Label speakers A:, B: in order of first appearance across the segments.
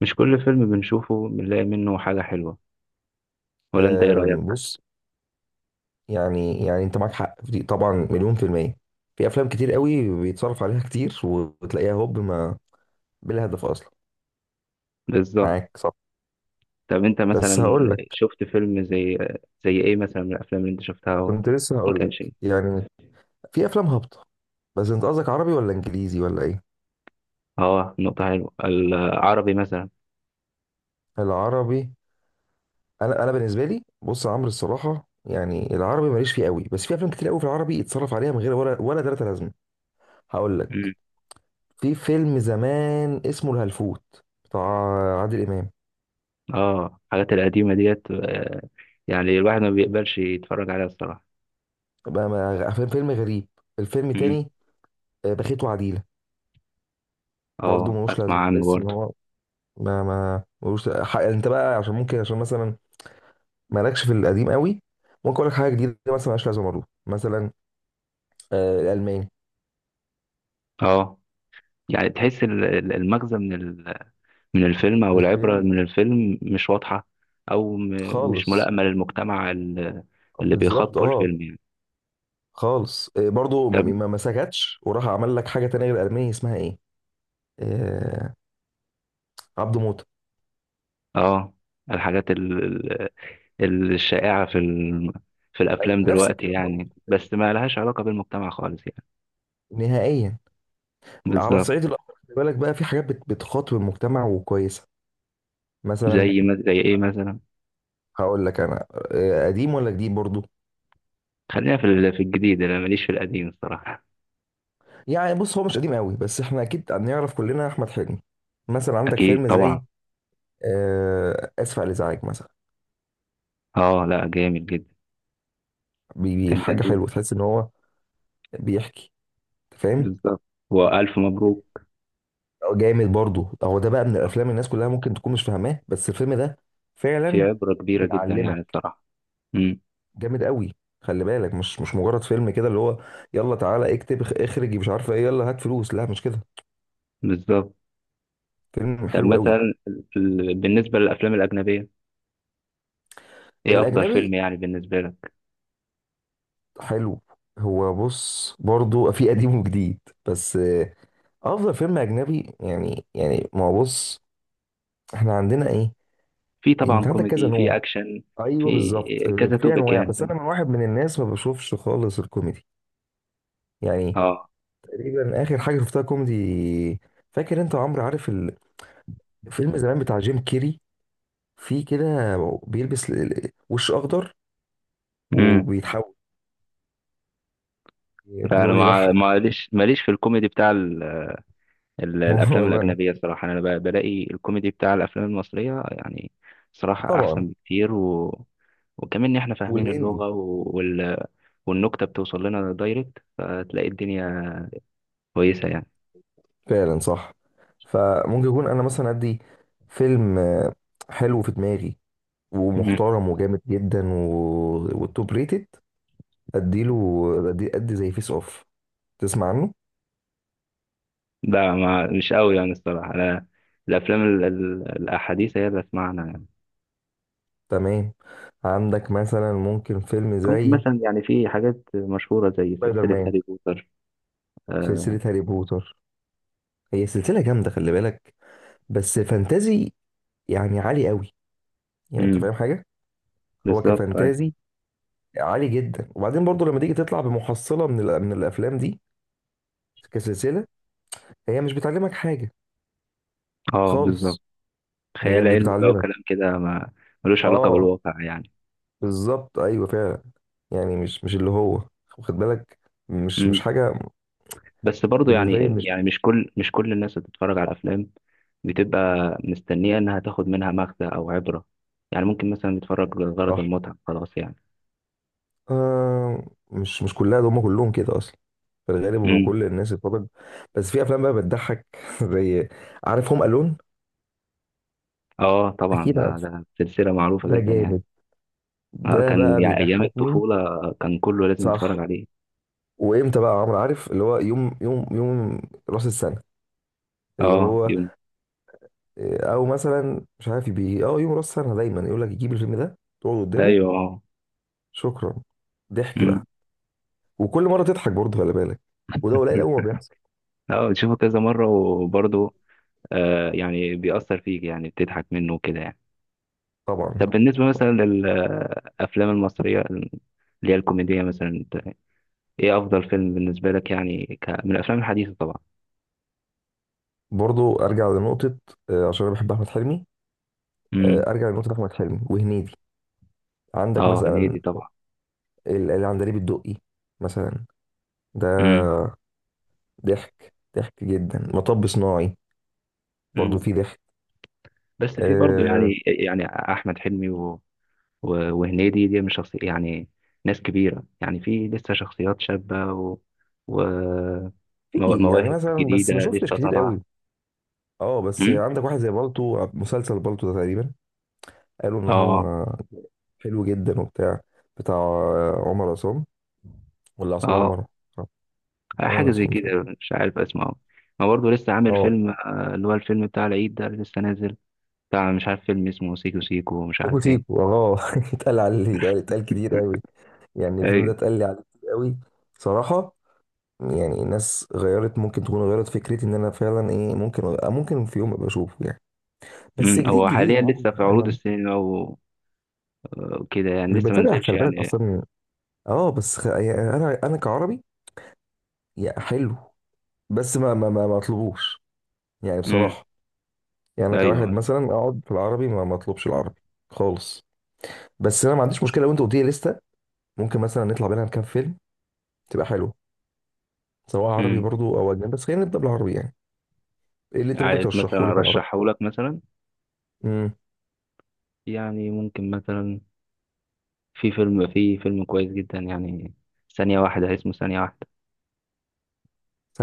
A: مش كل فيلم بنشوفه بنلاقي منه حاجة حلوة، ولا انت ايه رأيك؟
B: بص. يعني انت معاك حق في دي، طبعا مليون في المية. في افلام كتير قوي بيتصرف عليها كتير وتلاقيها هوب ما، بلا هدف اصلا.
A: بالظبط.
B: معاك صح.
A: طب انت مثلا
B: بس هقول لك،
A: شفت فيلم زي ايه مثلا من الافلام اللي انت شفتها اهو؟
B: كنت لسه
A: ما
B: هقول
A: كانش
B: لك
A: إيه.
B: يعني، في افلام هابطة. بس انت قصدك عربي ولا انجليزي ولا ايه؟
A: اه، نقطة حلوة. العربي مثلا.
B: العربي. انا بالنسبة لي، بص يا عمرو، الصراحة يعني العربي ماليش فيه قوي، بس في افلام كتير قوي في العربي يتصرف عليها من غير ولا تلاتة لازمة. هقول
A: مم.
B: لك، في فيلم زمان اسمه الهلفوت، بتاع عادل امام.
A: اه الحاجات القديمة ديت، يعني الواحد ما بيقبلش يتفرج عليها الصراحة.
B: بقى فيلم غريب. الفيلم
A: مم.
B: تاني، بخيت وعديلة. برضه
A: اه
B: ملوش
A: اسمع
B: لازمة،
A: عنه
B: تحس ان
A: برضه.
B: هو ما ملوش انت بقى عشان ممكن عشان مثلا مالكش في القديم قوي. ممكن اقول لك حاجة جديدة مثلا ملهاش لازمة برضه، مثلا الألماني
A: اه، يعني تحس المغزى من الفيلم أو العبرة
B: الفيلم
A: من الفيلم مش واضحة، أو مش
B: خالص.
A: ملائمة للمجتمع اللي
B: بالظبط
A: بيخاطبه
B: اه.
A: الفيلم يعني.
B: خالص. برضه
A: طب،
B: ما سكتش وراح عمل لك حاجة تانية غير الألماني، اسمها ايه؟ آه، عبده موتة.
A: آه الحاجات الشائعة في الأفلام
B: نفس
A: دلوقتي
B: الكلام برضه،
A: يعني، بس ما لهاش علاقة بالمجتمع خالص يعني.
B: نهائيا. على
A: بالظبط.
B: الصعيد الآخر خلي بالك بقى، في حاجات بتخاطب المجتمع وكويسة، مثلا.
A: زي ما زي إيه مثلا؟
B: هقول لك انا، قديم ولا جديد برضو؟
A: خلينا في الجديد، أنا ماليش في القديم الصراحة.
B: يعني بص، هو مش قديم قوي بس احنا اكيد هنعرف كلنا احمد حلمي. مثلا عندك
A: أكيد
B: فيلم
A: طبعا.
B: زي اسف على الازعاج مثلا.
A: آه لا، جامد جدا. كان
B: حاجه
A: جميل.
B: حلوه، تحس ان هو بيحكي. فاهم.
A: بالظبط. وألف مبروك.
B: أو جامد برضو، هو ده بقى من الافلام الناس كلها ممكن تكون مش فاهماه، بس الفيلم ده
A: في
B: فعلا
A: عبرة كبيرة جدا يعني
B: بيعلمك،
A: الصراحة. امم.
B: جامد قوي. خلي بالك، مش مجرد فيلم كده اللي هو يلا تعالى اكتب اخرج مش عارفه ايه، يلا هات فلوس، لا مش كده.
A: بالظبط.
B: فيلم
A: طب
B: حلو قوي.
A: مثلا بالنسبة للأفلام الأجنبية، إيه أفضل
B: الاجنبي.
A: فيلم يعني بالنسبة لك؟
B: حلو. هو بص برضو في قديم وجديد، بس افضل فيلم اجنبي يعني، ما هو بص احنا عندنا ايه؟
A: في طبعا
B: انت عندك كذا
A: كوميدي،
B: نوع.
A: في أكشن.
B: ايوه
A: في
B: بالظبط،
A: كذا
B: في
A: توبك
B: انواع،
A: يعني،
B: بس
A: فاهم؟
B: انا من واحد من الناس ما بشوفش خالص الكوميدي. يعني
A: آه.
B: تقريبا اخر حاجه شفتها كوميدي. فاكر انت يا عمرو؟ عارف الفيلم زمان بتاع جيم كيري؟ في كده بيلبس وش اخضر
A: امم.
B: وبيتحول،
A: لا أنا
B: بيقعد يضحك.
A: معلش ماليش في الكوميدي بتاع الأفلام
B: والله انا
A: الأجنبية صراحة، أنا بلاقي الكوميدي بتاع الأفلام المصرية يعني صراحة
B: طبعا.
A: أحسن بكتير، وكمان إن إحنا فاهمين
B: والهندي.
A: اللغة والنكتة بتوصل لنا دايركت، فتلاقي الدنيا كويسة يعني.
B: فعلا صح. فممكن يكون انا مثلا عندي فيلم حلو في دماغي، ومحترم وجامد جدا و... والتوب ريتد، اديله ادي زي فيس اوف. تسمع عنه؟
A: لا ما مش قوي يعني الصراحة، أنا الأفلام الأحاديث هي اللي أسمعنا يعني.
B: تمام. عندك مثلا ممكن فيلم
A: ممكن
B: زي
A: مثلا يعني في حاجات مشهورة زي
B: سبايدر
A: سلسلة
B: مان.
A: هاري بوتر. آه.
B: سلسلة هاري بوتر، هي سلسلة جامدة خلي بالك، بس فانتازي يعني عالي قوي، يعني انت
A: مم،
B: فاهم حاجة. هو
A: بالظبط أيوة.
B: كفانتازي عالي جدا، وبعدين برضو لما تيجي تطلع بمحصلة من من الافلام دي كسلسلة، هي مش بتعلمك حاجة
A: اه بالظبط.
B: خالص. هي
A: خيال
B: مش
A: علمي بقى
B: بتعلمك.
A: وكلام كده، ما ملوش علاقة
B: اه
A: بالواقع يعني.
B: بالظبط، ايوه فعلا. يعني مش اللي هو، واخد بالك، مش
A: مم.
B: حاجه.
A: بس برضو
B: بالنسبه لي
A: يعني
B: مش
A: يعني مش كل الناس اللي بتتفرج على الأفلام بتبقى مستنية إنها تاخد منها مغزى أو عبرة، يعني ممكن مثلا يتفرج لغرض
B: صح.
A: المتعة خلاص يعني.
B: آه، مش كلها، ده هم كلهم كده اصلا، في الغالب هم
A: مم.
B: كل الناس الفضل. بس في افلام بقى بتضحك، زي، عارف، هم الون.
A: اه طبعا
B: اكيد
A: ده
B: عارف،
A: ده سلسلة معروفة
B: ده
A: جدا يعني.
B: جامد،
A: آه،
B: ده
A: كان
B: بقى
A: يعني أيام
B: بيضحكني.
A: الطفولة كان كله لازم
B: صح.
A: يتفرج عليه.
B: وامتى بقى يا عمرو؟ عارف اللي هو يوم يوم يوم راس السنه، اللي
A: اه
B: هو
A: يوم.
B: او مثلا مش عارف، بي اه يوم راس سنه دايما يقول لك جيب الفيلم ده، تقعد قدامه.
A: أيوه اه.
B: شكرا، ضحك
A: أمم.
B: بقى. وكل مره تضحك برضه خلي بالك، وده قليل قوي ما بيحصل.
A: اه بتشوفه كذا مرة وبرضه، يعني بيأثر فيك يعني، بتضحك منه وكده يعني.
B: طبعا.
A: طب بالنسبة مثلا للأفلام المصرية اللي هي الكوميدية مثلا، انت ايه أفضل فيلم بالنسبة لك يعني من الأفلام الحديثة طبعا؟
B: برضه ارجع لنقطه، عشان انا بحب احمد حلمي.
A: امم.
B: ارجع لنقطه احمد حلمي وهنيدي. عندك
A: اه، هنيدي
B: مثلا
A: طبعا.
B: العندليب الدقي مثلا، ده
A: امم.
B: ضحك ضحك جدا. مطب صناعي برضه
A: امم،
B: فيه ضحك.
A: بس في برضه
B: آه،
A: يعني يعني أحمد حلمي وهنيدي دي من شخصي يعني ناس كبيرة، يعني في لسه شخصيات شابة و...
B: في يعني
A: مواهب
B: مثلا، بس
A: جديدة
B: ما شفتش
A: لسه
B: كتير
A: طالعة.
B: قوي. اه، بس
A: مم؟
B: عندك واحد زي بالطو، مسلسل بالطو ده تقريبا، قالوا ان
A: اه.
B: هو حلو جدا، وبتاع بتاع عمر عصام ولا عصام
A: اه
B: عمر؟ عمر
A: حاجة زي
B: عصام تقريبا.
A: كده. مش عارف اسمه. ما برضه لسه عامل
B: اه.
A: فيلم اللي هو الفيلم بتاع العيد ده اللي لسه نازل، بتاع مش عارف فيلم اسمه سيكو سيكو ومش عارف
B: سيكو
A: ايه.
B: سيكو، اتقال عليه، اتقال كتير قوي. يعني الفيلم ده
A: ايوه.
B: اتقال لي عليه كتير قوي، صراحة. يعني الناس غيرت، ممكن تكون غيرت فكرتي ان انا فعلا ايه، ممكن في يوم ابقى اشوفه يعني. بس
A: مم،
B: جديد
A: هو
B: جديد يا
A: حاليا
B: عم
A: لسه في عروض
B: انا
A: السينما وكده يعني،
B: مش
A: لسه ما
B: بتابع
A: نزلش
B: خلي بالك
A: يعني.
B: اصلا. اه بس يعني انا كعربي يا حلو، بس ما اطلبوش يعني،
A: مم،
B: بصراحة. يعني انا كواحد
A: ايوه.
B: مثلا اقعد في العربي ما اطلبش العربي خالص. بس انا ما عنديش مشكله، لو انت قلت لي لسته، ممكن مثلا نطلع بينها كام فيلم، تبقى حلو. سواء عربي
A: مم.
B: برضو او اجنبي، بس خلينا نبدا بالعربي يعني. ايه اللي انت ممكن
A: عايز
B: ترشحه
A: مثلا
B: لي في العربي؟
A: ارشحه لك مثلا،
B: امم
A: يعني ممكن مثلا في فيلم كويس جدا يعني، ثانية واحدة، اسمه ثانية واحدة،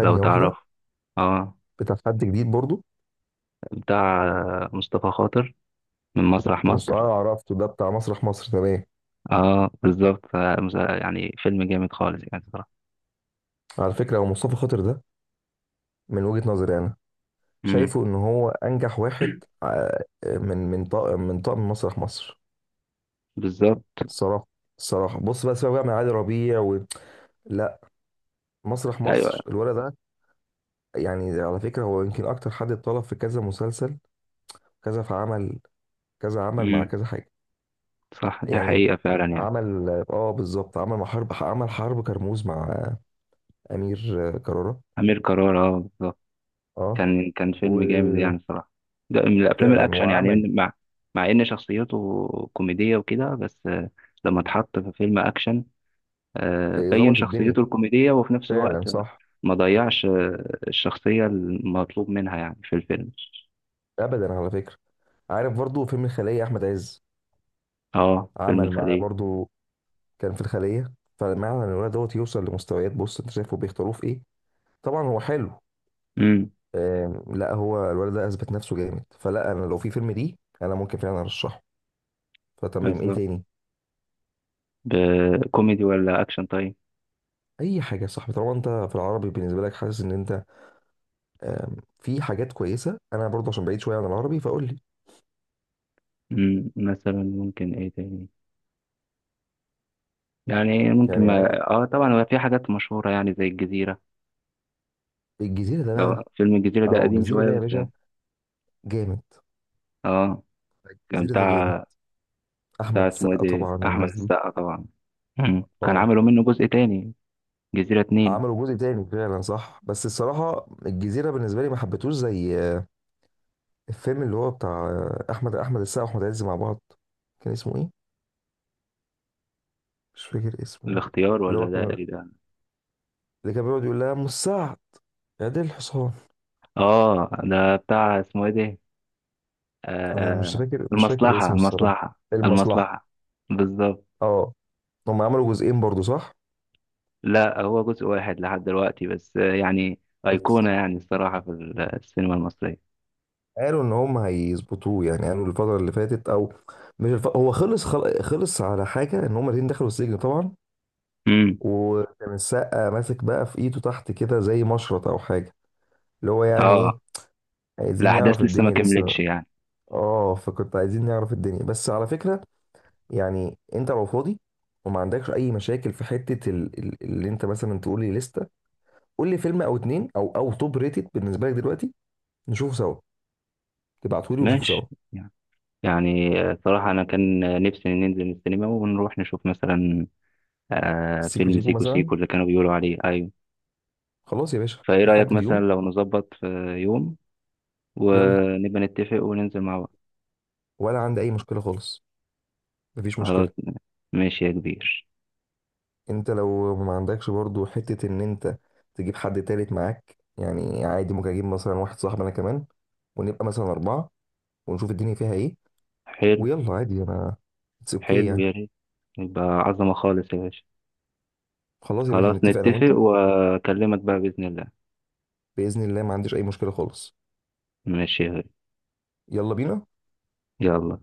A: لو
B: واحده،
A: تعرف. اه،
B: بتاع حد جديد برضو؟
A: بتاع مصطفى خاطر من مسرح مصر.
B: اه، عرفته ده بتاع مسرح مصر، تمام.
A: اه بالظبط. يعني فيلم جامد خالص يعني صراحة.
B: على فكره هو مصطفى خاطر ده، من وجهه نظري انا،
A: امم.
B: شايفه ان هو انجح واحد، من طاقم مسرح مصر.
A: بالظبط.
B: الصراحه الصراحه بص بقى، سيبك بقى من علي ربيع لا، مسرح
A: ايوه.
B: مصر الولد ده، يعني على فكرة هو يمكن أكتر حد اتطلب في كذا مسلسل، كذا في عمل، كذا عمل مع
A: امم،
B: كذا حاجة.
A: صح، دي
B: يعني
A: حقيقة فعلا يعني.
B: عمل، بالظبط، عمل مع حرب، عمل حرب كرموز مع أمير كرارة.
A: أمير كرارة اه بالظبط.
B: اه،
A: كان فيلم جامد
B: وفعلا
A: يعني صراحة. ده من الأفلام الأكشن يعني
B: وعمل
A: مع إن شخصيته كوميدية وكده، بس لما اتحط في فيلم أكشن، بين
B: ظبط الدنيا،
A: شخصيته الكوميدية وفي نفس الوقت
B: فعلا صح.
A: ما ضيعش الشخصية المطلوب منها يعني في الفيلم.
B: أبدا، على فكرة، عارف برضو فيلم الخلية أحمد عز؟
A: اه فيلم
B: عمل معاه
A: الخلية.
B: برضو، كان في الخلية. فمعنى إن الولد دوت يوصل لمستويات، بص أنت شايفه بيختاروه في إيه. طبعا هو حلو.
A: امم.
B: لا هو الولد ده اثبت نفسه جامد، فلا انا لو في فيلم دي انا ممكن فعلا ارشحه. فتمام، ايه
A: بالظبط.
B: تاني؟
A: كوميدي ولا أكشن طيب؟
B: اي حاجه يا صاحبي، طالما انت في العربي بالنسبه لك حاسس ان انت في حاجات كويسه. انا برضه عشان بعيد شويه عن العربي، فقول لي.
A: امم، مثلا ممكن إيه تاني يعني؟ ممكن
B: يعني عادي.
A: ما طبعا هو في حاجات مشهورة يعني زي الجزيرة.
B: الجزيره ده
A: آه،
B: بقى،
A: فيلم الجزيرة ده
B: اهو
A: قديم
B: الجزيره
A: شوية
B: ده يا
A: بس
B: باشا
A: يعني.
B: جامد.
A: اه، كان
B: الجزيره ده جامد،
A: بتاع
B: احمد
A: بتاع اسمه ايه
B: السقا
A: ده،
B: طبعا
A: أحمد
B: والناس دي.
A: السقا طبعا. مم. كان
B: اه،
A: عملوا منه جزء تاني. جزيرة اتنين.
B: عملوا جزء تاني فعلا صح، بس الصراحه الجزيره بالنسبه لي ما حبيتهوش زي الفيلم اللي هو بتاع احمد السقا واحمد عز مع بعض. كان اسمه ايه؟ مش فاكر اسمه.
A: الاختيار
B: اللي هو
A: ولا ده،
B: كان
A: ايه ده؟
B: اللي كان بيقعد يقول لها ام السعد يا دي الحصان.
A: اه ده بتاع اسمه ايه ده؟
B: انا مش
A: آه.
B: فاكر مش فاكر
A: المصلحة،
B: اسمه الصراحه.
A: المصلحة،
B: المصلحه.
A: المصلحة. بالظبط.
B: اه، هم عملوا جزئين برضو صح؟
A: لا، هو جزء واحد لحد دلوقتي بس يعني أيقونة
B: بس
A: يعني الصراحة السينما المصرية.
B: قالوا ان هم هيظبطوه، يعني قالوا الفتره اللي فاتت، او مش هو خلص على حاجه ان هم الاثنين دخلوا السجن طبعا،
A: امم.
B: وكان السقا ماسك بقى في ايده تحت كده زي مشرط او حاجه، اللي هو يعني
A: اه
B: ايه، عايزين نعرف
A: الأحداث لسه ما
B: الدنيا لسه.
A: كملتش يعني.
B: اه، فكنت عايزين نعرف الدنيا. بس على فكره، يعني انت لو فاضي وما عندكش اي مشاكل في حته اللي انت مثلا تقول لي لسته، قول لي فيلم او اتنين او توب ريتد بالنسبه لك دلوقتي، نشوفه سوا. تبعته لي ونشوفه سوا.
A: ماشي يعني، صراحة أنا كان نفسي ننزل السينما ونروح نشوف مثلا آه
B: السيكو
A: فيلم
B: زيكو
A: سيكو
B: مثلا.
A: سيكو اللي كانوا بيقولوا عليه أيوه.
B: خلاص يا باشا،
A: فإيه رأيك
B: نحدد
A: مثلا
B: يوم.
A: لو نظبط في يوم،
B: يلا،
A: ونبقى نتفق وننزل مع بعض؟
B: ولا عندي اي مشكله خالص، مفيش مشكله.
A: حركنا. ماشي يا كبير.
B: انت لو ما عندكش برضو حته، ان انت تجيب حد تالت معاك يعني عادي، ممكن اجيب مثلا واحد صاحبي انا كمان، ونبقى مثلا اربعه، ونشوف الدنيا فيها ايه.
A: حلو.
B: ويلا عادي انا، اتس اوكي
A: حلو
B: يعني.
A: يا ريت. يبقى عظمة خالص يا باشا.
B: خلاص يا باشا
A: خلاص
B: نتفق انا
A: نتفق
B: وانت،
A: وأكلمك بقى بإذن الله.
B: بإذن الله، ما عنديش أي مشكلة خالص.
A: ماشي يا غالي.
B: يلا بينا.
A: يلا